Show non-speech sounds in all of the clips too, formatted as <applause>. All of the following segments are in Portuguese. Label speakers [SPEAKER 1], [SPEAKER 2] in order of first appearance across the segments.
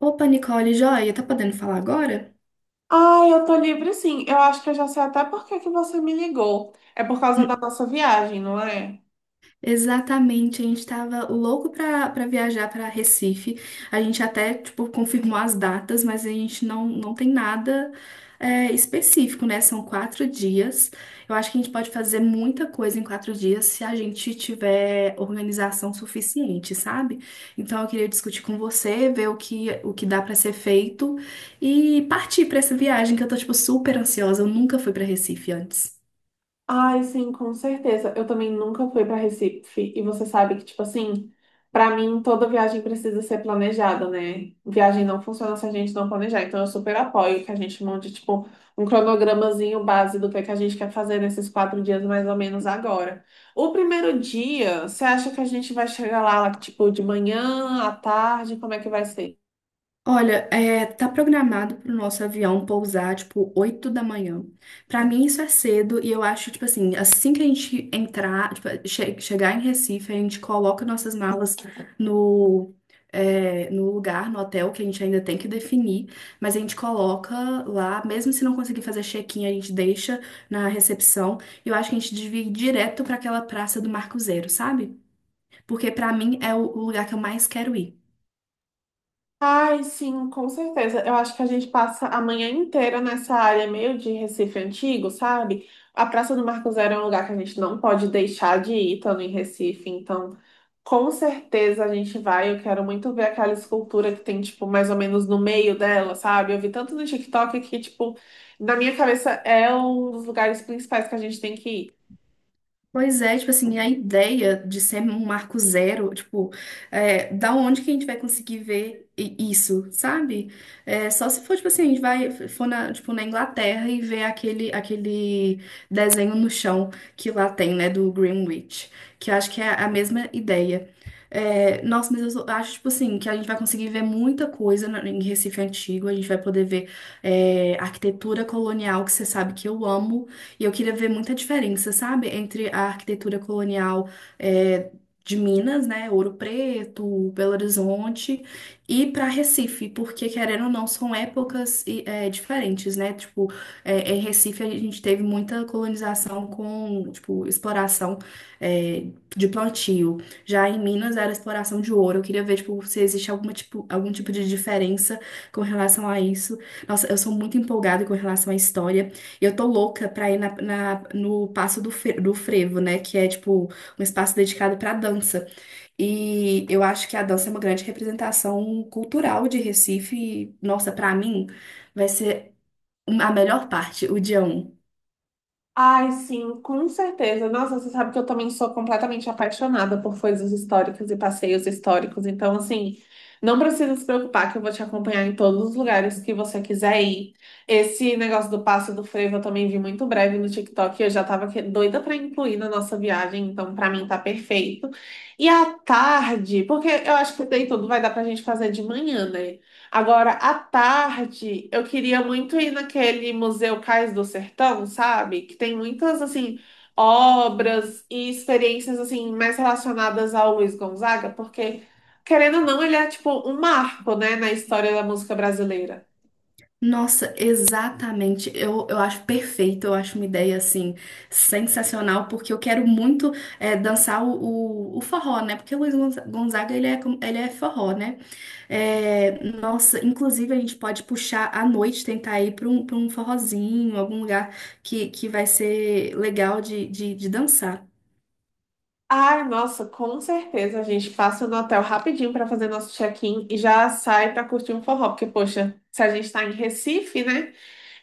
[SPEAKER 1] Opa, Nicole, joia, tá podendo falar agora?
[SPEAKER 2] Ah, eu tô livre sim. Eu acho que eu já sei até por que que você me ligou. É por causa da
[SPEAKER 1] <laughs>
[SPEAKER 2] nossa viagem, não é?
[SPEAKER 1] Exatamente, a gente tava louco pra viajar pra Recife. A gente até, tipo, confirmou as datas, mas a gente não tem nada específico, né? São 4 dias. Eu acho que a gente pode fazer muita coisa em 4 dias se a gente tiver organização suficiente, sabe? Então eu queria discutir com você, ver o que dá pra ser feito e partir pra essa viagem que eu tô, tipo, super ansiosa. Eu nunca fui pra Recife antes.
[SPEAKER 2] Ai, sim, com certeza. Eu também nunca fui para Recife e você sabe que, tipo assim, para mim toda viagem precisa ser planejada, né? Viagem não funciona se a gente não planejar. Então eu super apoio que a gente monte, tipo, um cronogramazinho base do que é que a gente quer fazer nesses 4 dias mais ou menos agora. O primeiro dia, você acha que a gente vai chegar lá, tipo, de manhã, à tarde? Como é que vai ser?
[SPEAKER 1] Olha, tá programado pro nosso avião pousar, tipo, 8 da manhã. Pra mim isso é cedo e eu acho, tipo assim, assim que a gente entrar, tipo, chegar em Recife, a gente coloca nossas malas no, no lugar, no hotel, que a gente ainda tem que definir, mas a gente coloca lá, mesmo se não conseguir fazer check-in, a gente deixa na recepção. E eu acho que a gente devia ir direto pra aquela praça do Marco Zero, sabe? Porque pra mim é o lugar que eu mais quero ir.
[SPEAKER 2] Ai, sim, com certeza. Eu acho que a gente passa a manhã inteira nessa área meio de Recife antigo, sabe? A Praça do Marco Zero é um lugar que a gente não pode deixar de ir estando em Recife, então com certeza a gente vai. Eu quero muito ver aquela escultura que tem, tipo, mais ou menos no meio dela, sabe? Eu vi tanto no TikTok que, tipo, na minha cabeça é um dos lugares principais que a gente tem que ir.
[SPEAKER 1] Pois é, tipo assim, a ideia de ser um marco zero, tipo, da onde que a gente vai conseguir ver isso, sabe? É, só se for, tipo assim, a gente vai, for na, tipo, na Inglaterra e ver aquele desenho no chão que lá tem, né, do Greenwich, que eu acho que é a mesma ideia. É, nossa, mas eu acho, tipo assim, que a gente vai conseguir ver muita coisa em Recife Antigo, a gente vai poder ver, arquitetura colonial, que você sabe que eu amo, e eu queria ver muita diferença, sabe? Entre a arquitetura colonial, é, de Minas, né? Ouro Preto, Belo Horizonte, e para Recife, porque querendo ou não, são épocas e, diferentes, né? Tipo, em Recife a gente teve muita colonização com, tipo, exploração, é, de plantio. Já em Minas era exploração de ouro. Eu queria ver, tipo, se existe alguma tipo, algum tipo de diferença com relação a isso. Nossa, eu sou muito empolgada com relação à história. Eu tô louca pra ir na, no Passo do Frevo, né? Que é, tipo, um espaço dedicado pra dança. E eu acho que a dança é uma grande representação cultural de Recife. E, nossa, pra mim, vai ser a melhor parte, o dia 1.
[SPEAKER 2] Ai, sim, com certeza. Nossa, você sabe que eu também sou completamente apaixonada por coisas históricas e passeios históricos. Então, assim, não precisa se preocupar que eu vou te acompanhar em todos os lugares que você quiser ir. Esse negócio do passo do frevo eu também vi muito breve no TikTok. E eu já tava doida pra incluir na nossa viagem, então pra mim tá perfeito. E à tarde, porque eu acho que daí tudo vai dar pra gente fazer de manhã, né? Agora, à tarde, eu queria muito ir naquele Museu Cais do Sertão, sabe? Que tem muitas, assim, obras e experiências, assim, mais relacionadas ao Luiz Gonzaga, porque, querendo ou não, ele é, tipo, um marco, né, na história da música brasileira.
[SPEAKER 1] Nossa, exatamente. Eu acho perfeito, eu acho uma ideia assim sensacional, porque eu quero muito dançar o forró, né? Porque o Luiz Gonzaga ele é forró, né? É, nossa, inclusive a gente pode puxar à noite, tentar ir para um forrozinho, algum lugar que vai ser legal de dançar.
[SPEAKER 2] Ai, nossa, com certeza a gente passa no hotel rapidinho para fazer nosso check-in e já sai para curtir um forró, porque, poxa, se a gente tá em Recife, né?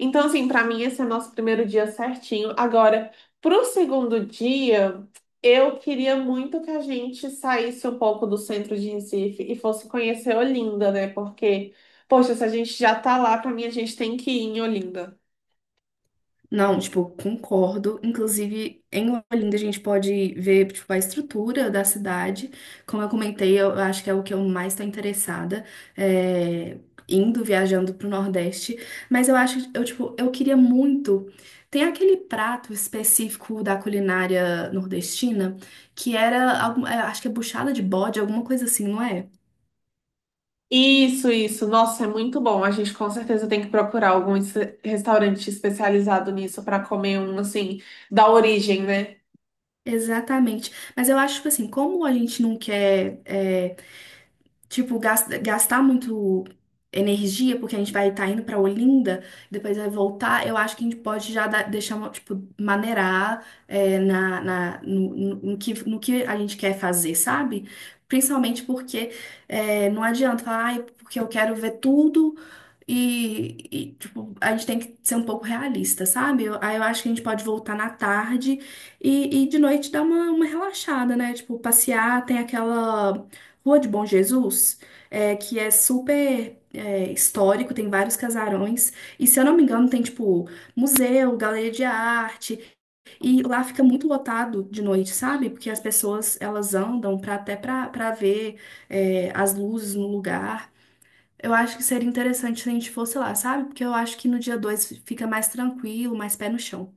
[SPEAKER 2] Então, assim, pra mim esse é o nosso primeiro dia certinho. Agora, pro segundo dia, eu queria muito que a gente saísse um pouco do centro de Recife e fosse conhecer Olinda, né? Porque, poxa, se a gente já tá lá, pra mim a gente tem que ir em Olinda.
[SPEAKER 1] Não, tipo, concordo. Inclusive, em Olinda a gente pode ver, tipo, a estrutura da cidade. Como eu comentei, eu acho que é o que eu mais estou interessada, é, indo, viajando pro Nordeste. Mas eu acho, tipo, eu queria muito. Tem aquele prato específico da culinária nordestina, que era, acho que é buchada de bode, alguma coisa assim, não é?
[SPEAKER 2] Isso, isso. Nossa, é muito bom. A gente com certeza tem que procurar algum restaurante especializado nisso pra comer um, assim, da origem, né?
[SPEAKER 1] Exatamente. Mas eu acho, tipo assim, como a gente não quer. Tipo, gastar muito energia, porque a gente vai estar indo pra Olinda, depois vai voltar, eu acho que a gente pode já deixar, uma, tipo, maneirar no que a gente quer fazer, sabe? Principalmente porque não adianta falar, ai, porque eu quero ver tudo. E, tipo, a gente tem que ser um pouco realista, sabe? Aí eu acho que a gente pode voltar na tarde e de noite dar uma relaxada, né? Tipo, passear, tem aquela Rua de Bom Jesus, que é super histórico, tem vários casarões, e se eu não me engano, tem tipo museu, galeria de arte, e lá fica muito lotado de noite, sabe? Porque as pessoas elas andam até pra ver as luzes no lugar. Eu acho que seria interessante se a gente fosse lá, sabe? Porque eu acho que no dia 2 fica mais tranquilo, mais pé no chão.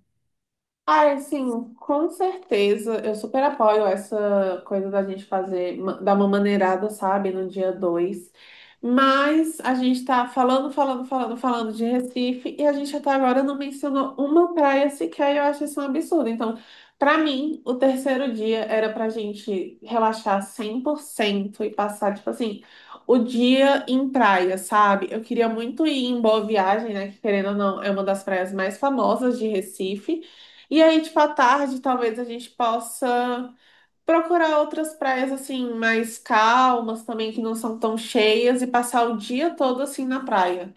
[SPEAKER 2] Ai, sim, com certeza. Eu super apoio essa coisa da gente fazer, dar uma maneirada, sabe, no dia 2. Mas a gente tá falando, falando, falando, falando de Recife e a gente até agora não mencionou uma praia sequer e eu acho isso um absurdo. Então, pra mim, o terceiro dia era pra gente relaxar 100% e passar, tipo assim, o dia em praia, sabe? Eu queria muito ir em Boa Viagem, né? Que querendo ou não, é uma das praias mais famosas de Recife. E aí, tipo, à tarde, talvez a gente possa procurar outras praias, assim, mais calmas também, que não são tão cheias, e passar o dia todo, assim, na praia.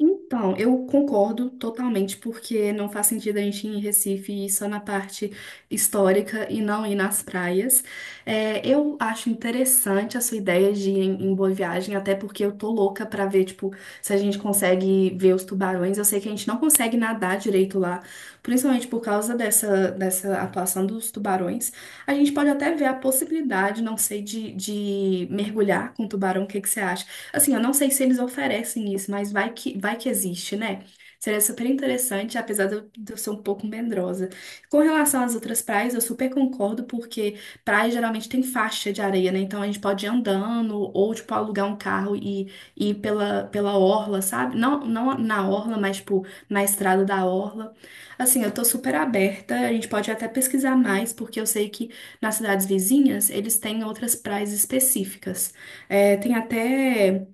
[SPEAKER 1] Então, eu concordo totalmente, porque não faz sentido a gente ir em Recife e ir só na parte histórica e não ir nas praias. É, eu acho interessante a sua ideia de ir em Boa Viagem, até porque eu tô louca pra ver, tipo, se a gente consegue ver os tubarões. Eu sei que a gente não consegue nadar direito lá, principalmente por causa dessa atuação dos tubarões. A gente pode até ver a possibilidade, não sei, de mergulhar com tubarão. O que que você acha? Assim, eu não sei se eles oferecem isso, mas vai que existe, né? Seria super interessante, apesar de eu ser um pouco medrosa. Com relação às outras praias, eu super concordo, porque praia geralmente tem faixa de areia, né? Então a gente pode ir andando ou, tipo, alugar um carro e ir pela orla, sabe? Não, não na orla, mas, tipo, na estrada da orla. Assim, eu tô super aberta, a gente pode até pesquisar mais, porque eu sei que nas cidades vizinhas eles têm outras praias específicas. É, tem até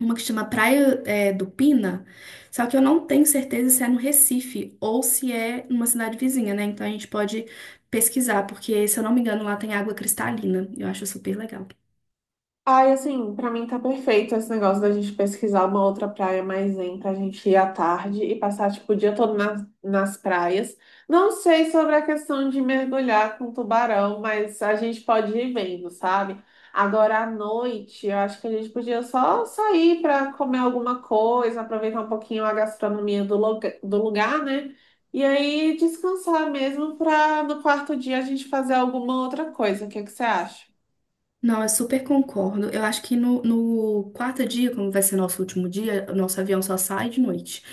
[SPEAKER 1] uma que chama Praia, do Pina, só que eu não tenho certeza se é no Recife ou se é numa cidade vizinha, né? Então a gente pode pesquisar, porque se eu não me engano lá tem água cristalina. Eu acho super legal.
[SPEAKER 2] Ai, assim, pra mim tá perfeito esse negócio da gente pesquisar uma outra praia mais zen pra gente ir à tarde e passar, tipo, o dia todo nas praias. Não sei sobre a questão de mergulhar com tubarão, mas a gente pode ir vendo, sabe? Agora à noite, eu acho que a gente podia só sair pra comer alguma coisa, aproveitar um pouquinho a gastronomia do, do lugar, né? E aí descansar mesmo pra no quarto dia a gente fazer alguma outra coisa. O que é que você acha?
[SPEAKER 1] Não, eu super concordo. Eu acho que no quarto dia, como vai ser nosso último dia, o nosso avião só sai de noite.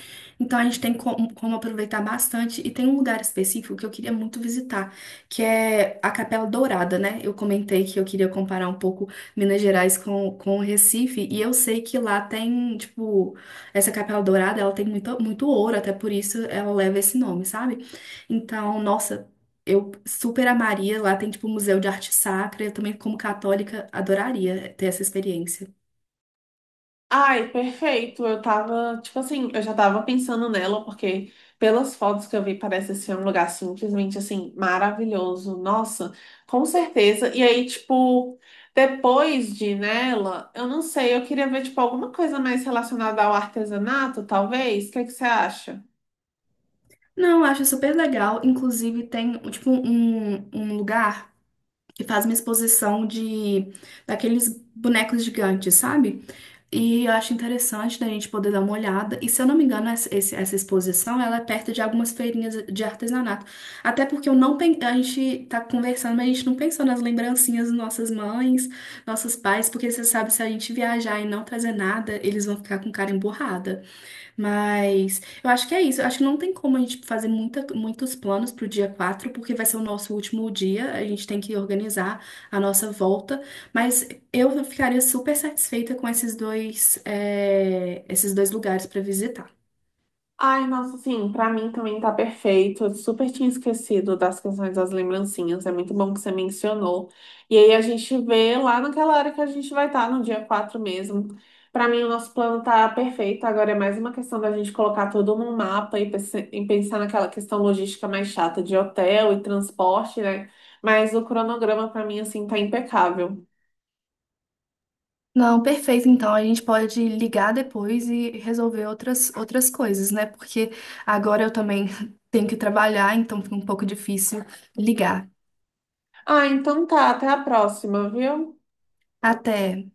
[SPEAKER 1] Então a gente tem como aproveitar bastante. E tem um lugar específico que eu queria muito visitar, que é a Capela Dourada, né? Eu comentei que eu queria comparar um pouco Minas Gerais com Recife. E eu sei que lá tem, tipo, essa Capela Dourada, ela tem muito, muito ouro, até por isso ela leva esse nome, sabe? Então, nossa. Eu super amaria. Lá tem, tipo, museu de arte sacra. Eu também, como católica, adoraria ter essa experiência.
[SPEAKER 2] Ai, perfeito. Eu tava, tipo assim, eu já tava pensando nela, porque pelas fotos que eu vi, parece ser um lugar simplesmente assim, maravilhoso. Nossa, com certeza. E aí, tipo, depois de ir nela, eu não sei, eu queria ver, tipo, alguma coisa mais relacionada ao artesanato, talvez. O que que você acha?
[SPEAKER 1] Não, eu acho super legal. Inclusive, tem, tipo, um lugar que faz uma exposição de daqueles bonecos gigantes, sabe? E eu acho interessante da gente poder dar uma olhada. E se eu não me engano, essa exposição ela é perto de algumas feirinhas de artesanato. Até porque eu não pen- a gente tá conversando, mas a gente não pensou nas lembrancinhas das nossas mães, nossos pais, porque você sabe, se a gente viajar e não trazer nada, eles vão ficar com cara emburrada. Mas eu acho que é isso. Eu acho que não tem como a gente fazer muitos planos pro dia 4 porque vai ser o nosso último dia. A gente tem que organizar a nossa volta. Mas eu ficaria super satisfeita com esses dois lugares para visitar.
[SPEAKER 2] Ai, nossa, sim, pra mim também tá perfeito. Eu super tinha esquecido das questões das lembrancinhas. É muito bom que você mencionou. E aí a gente vê lá naquela hora que a gente vai estar, no dia 4 mesmo. Pra mim, o nosso plano tá perfeito. Agora é mais uma questão da gente colocar tudo num mapa e e pensar naquela questão logística mais chata de hotel e transporte, né? Mas o cronograma pra mim, assim, tá impecável.
[SPEAKER 1] Não, perfeito. Então a gente pode ligar depois e resolver outras coisas, né? Porque agora eu também <laughs> tenho que trabalhar, então fica um pouco difícil ligar.
[SPEAKER 2] Ah, então tá. Até a próxima, viu?
[SPEAKER 1] Até.